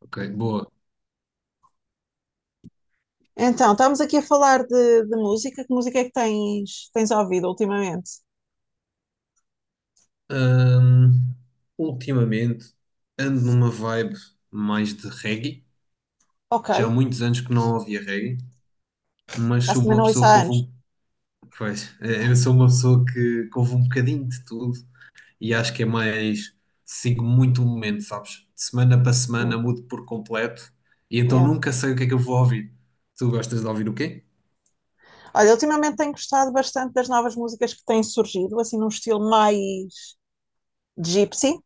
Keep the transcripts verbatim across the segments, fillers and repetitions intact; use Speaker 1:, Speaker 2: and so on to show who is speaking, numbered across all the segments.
Speaker 1: Ok, boa.
Speaker 2: Então, estamos aqui a falar de, de música. Que música é que tens, tens ouvido ultimamente?
Speaker 1: Ahm, ultimamente ando numa vibe mais de reggae.
Speaker 2: Ok,
Speaker 1: Já há muitos anos que não ouvia reggae,
Speaker 2: por
Speaker 1: mas
Speaker 2: acaso
Speaker 1: sou
Speaker 2: também
Speaker 1: uma
Speaker 2: não ouço
Speaker 1: pessoa que
Speaker 2: há
Speaker 1: ouve
Speaker 2: anos.
Speaker 1: um. Pois, eh, eu sou uma pessoa que, que ouve um bocadinho de tudo e acho que é mais. Sigo muito o momento, sabes? De semana para semana
Speaker 2: Hum,
Speaker 1: mudo por completo e então
Speaker 2: yeah.
Speaker 1: nunca sei o que é que eu vou ouvir. Tu gostas de ouvir o quê?
Speaker 2: Olha, ultimamente tenho gostado bastante das novas músicas que têm surgido, assim num estilo mais gypsy,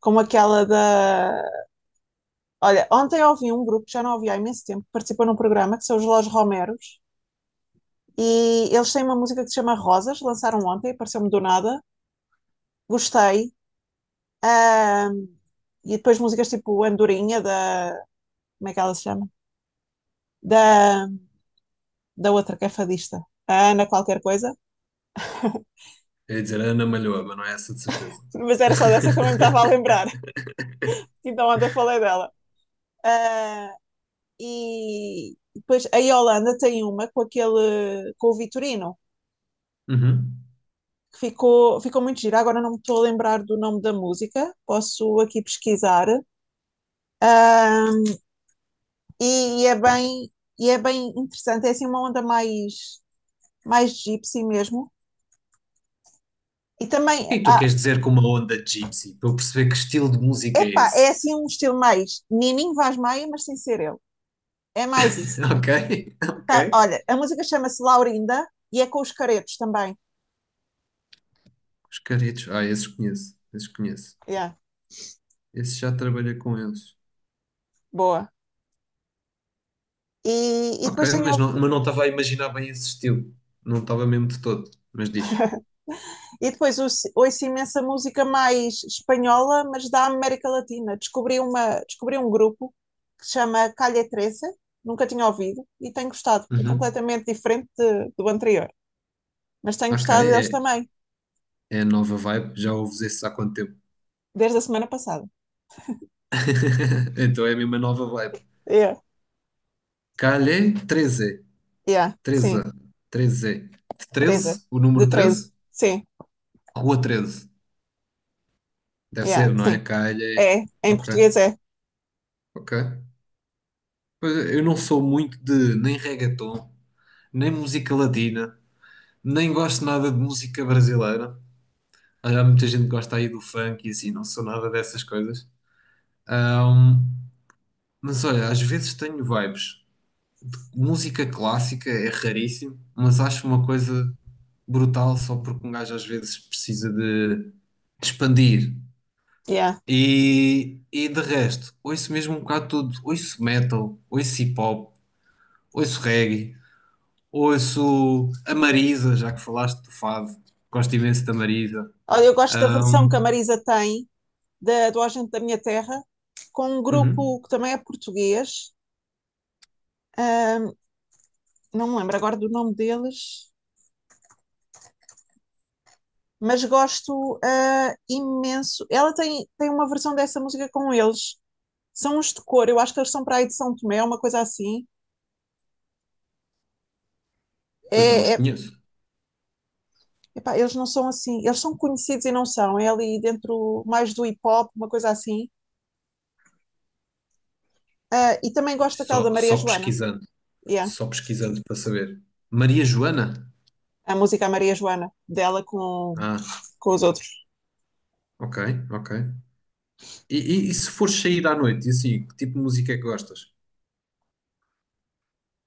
Speaker 2: como aquela da. Olha, ontem ouvi um grupo que já não ouvi há imenso tempo, que participou num programa, que são os Los Romeros, e eles têm uma música que se chama Rosas, lançaram ontem, apareceu-me do nada, gostei. Ahm, e depois músicas tipo Andorinha, da. Como é que ela se chama? da, da outra que é fadista, a Ana qualquer coisa,
Speaker 1: É dizer Ana Malhoa, mas não é essa de certeza.
Speaker 2: mas era só dessa que também me estava a lembrar, então ontem falei dela. Ah, e depois a Yolanda tem uma com aquele, com o Vitorino,
Speaker 1: Uhum.
Speaker 2: que ficou, ficou muito gira, agora não me estou a lembrar do nome da música, posso aqui pesquisar. Ah, e, e é bem, e é bem interessante, é assim uma onda mais, mais gypsy mesmo. E
Speaker 1: O
Speaker 2: também,
Speaker 1: que é que tu
Speaker 2: ah,
Speaker 1: queres dizer com uma onda gypsy? Para eu perceber que estilo de música é
Speaker 2: epá, é
Speaker 1: esse.
Speaker 2: assim um estilo mais Nininho Vaz Maia, mas sem ser ele. É mais isso.
Speaker 1: Ok,
Speaker 2: Tá,
Speaker 1: ok.
Speaker 2: olha, a música chama-se Laurinda e é com os caretos também.
Speaker 1: Os caretos. Ah, esses conheço. Esses conheço.
Speaker 2: Yeah,
Speaker 1: Esses já trabalhei com eles.
Speaker 2: boa. E, e depois
Speaker 1: Ok, mas
Speaker 2: tenho,
Speaker 1: não, mas não estava a imaginar bem esse estilo. Não estava mesmo de todo. Mas diz.
Speaker 2: e depois ouço, ouço imensa música mais espanhola, mas da América Latina. Descobri, uma, descobri um grupo que se chama Calle treze, nunca tinha ouvido e tenho gostado. É
Speaker 1: Uhum.
Speaker 2: completamente diferente de- do anterior, mas tenho
Speaker 1: Ok,
Speaker 2: gostado deles
Speaker 1: é,
Speaker 2: também,
Speaker 1: é a nova vibe. Já ouves esses há quanto tempo?
Speaker 2: desde a semana passada.
Speaker 1: Então é mesmo a mesma nova vibe.
Speaker 2: Yeah.
Speaker 1: Calhe treze,
Speaker 2: Yeah,
Speaker 1: treze,
Speaker 2: sim,
Speaker 1: treze,
Speaker 2: treze,
Speaker 1: treze. O
Speaker 2: de
Speaker 1: número
Speaker 2: treze,
Speaker 1: treze?
Speaker 2: sim,
Speaker 1: Rua treze? Deve
Speaker 2: yeah,
Speaker 1: ser, não é?
Speaker 2: sim.
Speaker 1: Calhe.
Speaker 2: É, em
Speaker 1: Ok,
Speaker 2: português é.
Speaker 1: ok. Pois é, eu não sou muito de nem reggaeton, nem música latina, nem gosto nada de música brasileira. Olha, há muita gente que gosta aí do funk e assim, não sou nada dessas coisas. Ahm, mas olha, às vezes tenho vibes. Música clássica é raríssimo, mas acho uma coisa brutal só porque um gajo às vezes precisa de expandir.
Speaker 2: Yeah.
Speaker 1: E, e de resto, ouço mesmo um bocado tudo. Ouço metal, ouço hip hop, ouço reggae. Ouço a Marisa, já que falaste do Fado, gosto imenso da Marisa.
Speaker 2: Olha, eu gosto da versão
Speaker 1: Ahm,
Speaker 2: que a Marisa tem da, do Agente da Minha Terra, com um
Speaker 1: uhum,
Speaker 2: grupo que também é português, ahm, não me lembro agora do nome deles, mas gosto ah, imenso. Ela tem, tem uma versão dessa música com eles, são uns de cor, eu acho que eles são para aí de São Tomé, uma coisa assim.
Speaker 1: pois não os
Speaker 2: É, é-
Speaker 1: conheço,
Speaker 2: epá, eles não são assim, eles são conhecidos e não são, é ali dentro mais do hip hop, uma coisa assim. Ah, e também
Speaker 1: mas
Speaker 2: gosto daquela da
Speaker 1: só,
Speaker 2: Maria
Speaker 1: só
Speaker 2: Joana,
Speaker 1: pesquisando,
Speaker 2: yeah,
Speaker 1: só pesquisando para saber. Maria Joana?
Speaker 2: a música à Maria Joana, dela com,
Speaker 1: Ah,
Speaker 2: com os outros.
Speaker 1: ok, ok. E, e- e se fores sair à noite, e assim, que tipo de música é que gostas?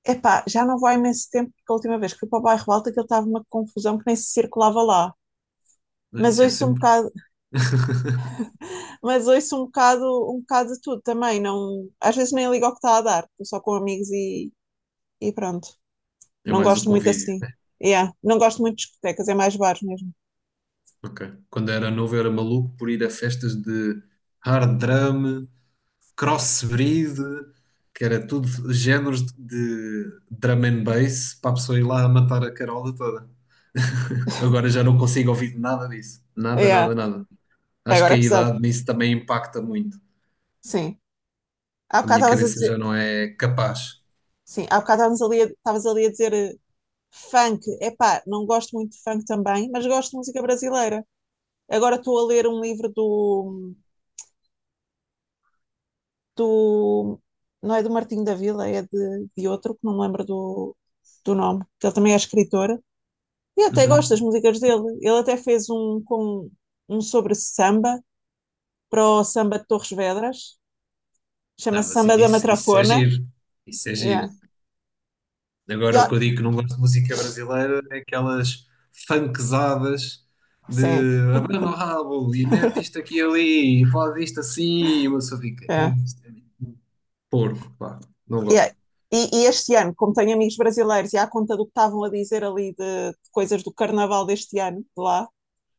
Speaker 2: Epá, já não vou há imenso tempo, porque a última vez que fui para o bairro Alto aquilo estava uma confusão que nem se circulava lá.
Speaker 1: Ah,
Speaker 2: Mas
Speaker 1: isso é
Speaker 2: ouço um
Speaker 1: sempre,
Speaker 2: bocado, mas ouço um bocado, um bocado de tudo também. Não, às vezes nem ligo ao que está a dar, estou só com amigos e, e pronto.
Speaker 1: é
Speaker 2: Não
Speaker 1: mais o
Speaker 2: gosto muito
Speaker 1: convívio.
Speaker 2: assim. Yeah. Não gosto muito de discotecas, é mais bares mesmo.
Speaker 1: Ok. Quando era novo, eu era maluco por ir a festas de hard drum, crossbreed, que era tudo géneros de drum and bass para a pessoa ir lá a matar a carola toda. Agora já não consigo ouvir nada disso. Nada,
Speaker 2: Yeah.
Speaker 1: nada, nada. Acho que
Speaker 2: Agora
Speaker 1: a
Speaker 2: é pesado.
Speaker 1: idade nisso também impacta muito.
Speaker 2: Sim. Há
Speaker 1: A
Speaker 2: bocado
Speaker 1: minha
Speaker 2: estavas a
Speaker 1: cabeça já
Speaker 2: dizer.
Speaker 1: não é capaz.
Speaker 2: Sim, há bocado estavas ali, a- estavas ali a dizer eh, funk. Epá, não gosto muito de funk também, mas gosto de música brasileira. Agora estou a ler um livro do do. Não é do Martinho da Vila, é de, de outro, que não me lembro do, do nome, que ele também é escritor. E eu até gosto das
Speaker 1: Uhum.
Speaker 2: músicas dele. Ele até fez um, com, um sobre samba, para o samba de Torres Vedras,
Speaker 1: Não,
Speaker 2: chama-se
Speaker 1: mas
Speaker 2: Samba da
Speaker 1: isso, isso é
Speaker 2: Matrafona.
Speaker 1: giro. Isso é
Speaker 2: Yeah.
Speaker 1: giro.
Speaker 2: E
Speaker 1: Agora,
Speaker 2: ó-
Speaker 1: o que eu digo que não gosto de música brasileira é aquelas funkzadas
Speaker 2: Sim,
Speaker 1: de abana o rabo e mete isto aqui e ali e faz isto assim e uma pessoa fica,
Speaker 2: é.
Speaker 1: "Ei, isto é muito porco, pá, não
Speaker 2: Yeah.
Speaker 1: gosto.
Speaker 2: E, e este ano, como tenho amigos brasileiros e à conta do que estavam a dizer ali de, de coisas do carnaval deste ano, de lá,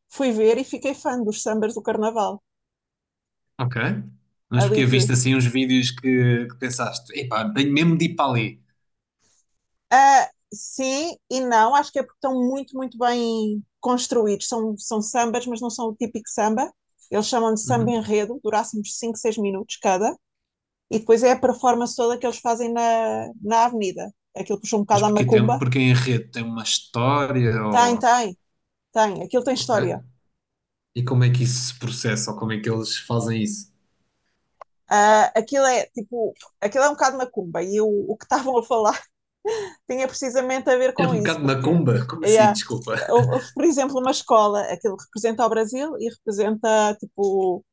Speaker 2: fui ver e fiquei fã dos sambas do carnaval,
Speaker 1: Ok, mas
Speaker 2: ali
Speaker 1: porque
Speaker 2: de.
Speaker 1: viste assim uns vídeos que, que pensaste, epá, tenho mesmo de ir para ali.
Speaker 2: Ah, sim e não, acho que é porque estão muito, muito bem construídos. São, são sambas, mas não são o típico samba. Eles chamam de samba
Speaker 1: Uhum.
Speaker 2: enredo, durasse uns cinco seis minutos cada. E depois é a performance toda que eles fazem na, na avenida. Aquilo puxa um
Speaker 1: Mas
Speaker 2: bocado à
Speaker 1: porque, tem,
Speaker 2: macumba.
Speaker 1: porque em rede tem uma história
Speaker 2: Tem,
Speaker 1: ou.
Speaker 2: tem, tem. Aquilo tem
Speaker 1: Ok.
Speaker 2: história.
Speaker 1: E como é que isso se processa ou como é que eles fazem isso?
Speaker 2: Ah, aquilo é tipo, aquilo é um bocado macumba. E o, o que estavam a falar tinha precisamente a ver
Speaker 1: É
Speaker 2: com
Speaker 1: um
Speaker 2: isso,
Speaker 1: bocado
Speaker 2: porque
Speaker 1: macumba, como assim,
Speaker 2: yeah,
Speaker 1: desculpa?
Speaker 2: houve, houve, por exemplo, uma escola, aquilo representa o Brasil e representa tipo.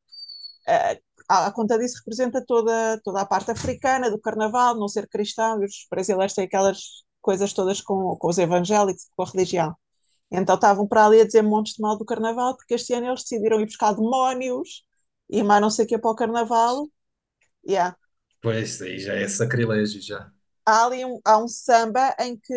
Speaker 2: Ah, a conta disso representa toda, toda a parte africana do carnaval, não ser cristão, e os brasileiros têm aquelas coisas todas com, com os evangélicos, com a religião. Então estavam para ali a dizer montes de mal do carnaval, porque este ano eles decidiram ir buscar demónios e mais não sei o que para o carnaval. Yeah.
Speaker 1: Pois, aí já é sacrilégio já.
Speaker 2: Há ali um, há um samba em que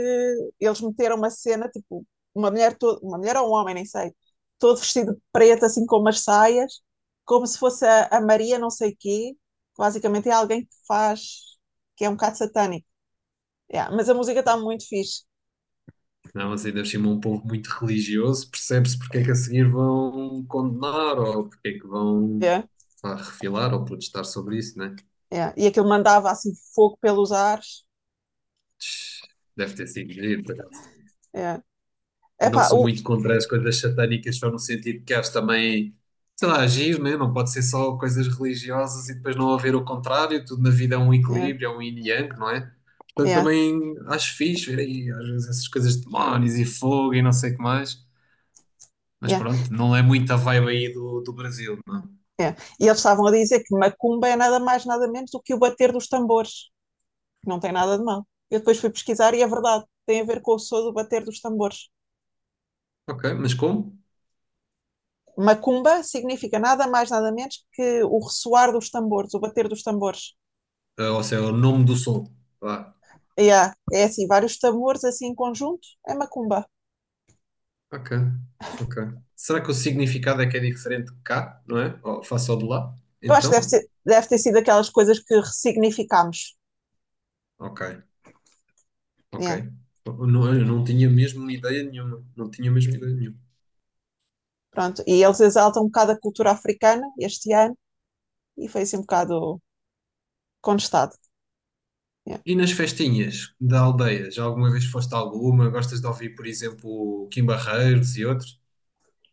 Speaker 2: eles meteram uma cena, tipo, uma mulher, toda, uma mulher ou um homem, nem sei, todo vestido de preto, assim com umas saias, como se fosse a, a Maria não sei quê, que basicamente é alguém que faz, que é um bocado satânico. Yeah, mas a música está muito fixe.
Speaker 1: Não, mas ainda por cima é um povo muito religioso, percebe-se porque é que a seguir vão condenar ou porque é que vão
Speaker 2: Yeah,
Speaker 1: pá, refilar ou protestar sobre isso, né?
Speaker 2: yeah. E aquilo mandava assim fogo pelos ares.
Speaker 1: Deve ter sido giro, por acaso.
Speaker 2: Yeah.
Speaker 1: Eu não
Speaker 2: Epá,
Speaker 1: sou
Speaker 2: uh,
Speaker 1: muito contra as coisas satânicas, só no sentido que acho também, sei lá, agir, né? Não pode ser só coisas religiosas e depois não haver o contrário, tudo na vida é um
Speaker 2: yeah,
Speaker 1: equilíbrio, é um yin e yang, não é? Portanto,
Speaker 2: yeah,
Speaker 1: também acho fixe ver aí, às vezes, essas coisas de demónios e fogo e não sei o que mais. Mas
Speaker 2: yeah,
Speaker 1: pronto, não é muito a vibe aí do, do Brasil, não é?
Speaker 2: yeah. E eles estavam a dizer que macumba é nada mais, nada menos do que o bater dos tambores. Não tem nada de mal. Eu depois fui pesquisar e é verdade, tem a ver com o som do bater dos tambores.
Speaker 1: Ok, mas como?
Speaker 2: Macumba significa nada mais, nada menos que o ressoar dos tambores, o bater dos tambores.
Speaker 1: Ah, ou seja, é o nome do som. Lá.
Speaker 2: Yeah, é assim, vários tambores assim em conjunto, é macumba.
Speaker 1: Ok, ok. Será que o significado é que é diferente de cá, não é? Ou face ao de lá?
Speaker 2: Eu acho que deve,
Speaker 1: Então?
Speaker 2: ser, deve ter sido aquelas coisas que ressignificámos.
Speaker 1: Ok, ok.
Speaker 2: Yeah,
Speaker 1: Eu não, eu não tinha mesmo ideia nenhuma. Não tinha mesmo ideia nenhuma.
Speaker 2: pronto. E eles exaltam um bocado a cultura africana este ano e foi assim um bocado contestado. Yeah.
Speaker 1: E nas festinhas da aldeia? Já alguma vez foste a alguma? Gostas de ouvir, por exemplo, Kim Barreiros e outros?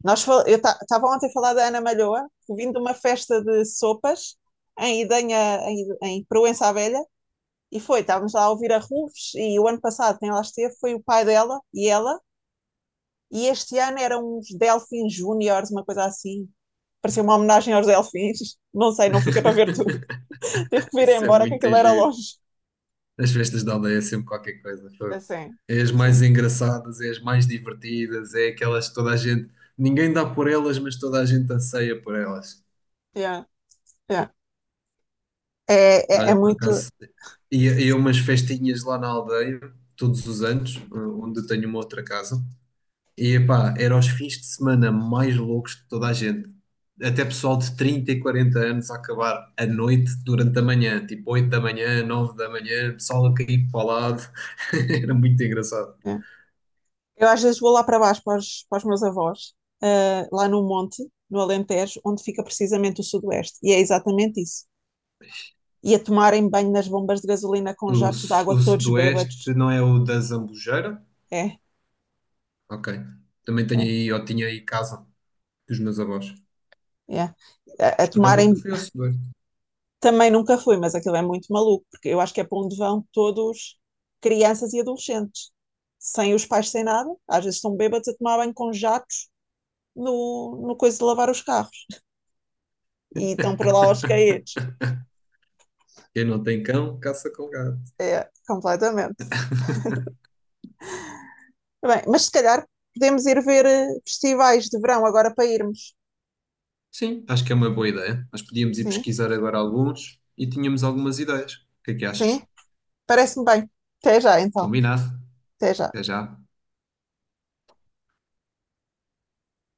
Speaker 2: Nós, fal- eu estava ontem a falar da Ana Malhoa, que vim de uma festa de sopas em Idenha, em, em Proença à Velha, e foi, estávamos lá a ouvir a Ruves, e o ano passado quem lá esteve foi o pai dela e ela, e este ano eram uns Delfins Júniores, uma coisa assim. Parecia uma homenagem aos Delfins. Não sei, não fica para ver tudo. Teve que vir
Speaker 1: Isso é
Speaker 2: embora, que
Speaker 1: muito
Speaker 2: aquilo era
Speaker 1: giro.
Speaker 2: longe.
Speaker 1: As festas da aldeia é sempre qualquer coisa. Fogo.
Speaker 2: Assim,
Speaker 1: É as mais
Speaker 2: sim.
Speaker 1: engraçadas, é as mais divertidas, é aquelas que toda a gente. Ninguém dá por elas, mas toda a gente anseia por elas.
Speaker 2: Yeah, yeah. É, é, é
Speaker 1: Olha, por
Speaker 2: muito.
Speaker 1: acaso, ia, ia a umas festinhas lá na aldeia, todos os anos, eh, onde eu tenho uma outra casa. E epá, eram os fins de semana mais loucos de toda a gente. Até pessoal de trinta e quarenta anos a acabar à noite durante a manhã, tipo oito da manhã, nove da manhã, pessoal a cair para o lado. Era muito engraçado.
Speaker 2: É. Eu às vezes vou lá para baixo para os, para os meus avós, ah, lá no monte, no Alentejo, onde fica precisamente o Sudoeste. E é exatamente isso. E a tomarem banho nas bombas de gasolina com
Speaker 1: O,
Speaker 2: jatos de
Speaker 1: su-
Speaker 2: água
Speaker 1: o
Speaker 2: todos bêbados.
Speaker 1: sudoeste não é o da Zambujeira?
Speaker 2: É,
Speaker 1: Ok. Também tenho
Speaker 2: é,
Speaker 1: aí, eu tinha aí casa dos meus avós.
Speaker 2: é. A, a
Speaker 1: Mas por acaso nunca
Speaker 2: tomarem.
Speaker 1: fui ao sudoeste.
Speaker 2: Também nunca fui, mas aquilo é muito maluco, porque eu acho que é para onde vão todos crianças e adolescentes, sem os pais, sem nada. Às vezes estão bêbados a tomar banho com jatos no, no coisa de lavar os carros. E estão para lá aos caídos.
Speaker 1: Quem não tem cão, caça com gato.
Speaker 2: É, completamente. Bem, mas se calhar podemos ir ver eh, festivais de verão agora para irmos.
Speaker 1: Sim, acho que é uma boa ideia. Nós podíamos ir
Speaker 2: Sim,
Speaker 1: pesquisar agora alguns e tínhamos algumas ideias. O que é que
Speaker 2: sim,
Speaker 1: achas?
Speaker 2: parece-me bem. Até já então,
Speaker 1: Combinado.
Speaker 2: até já.
Speaker 1: Até já.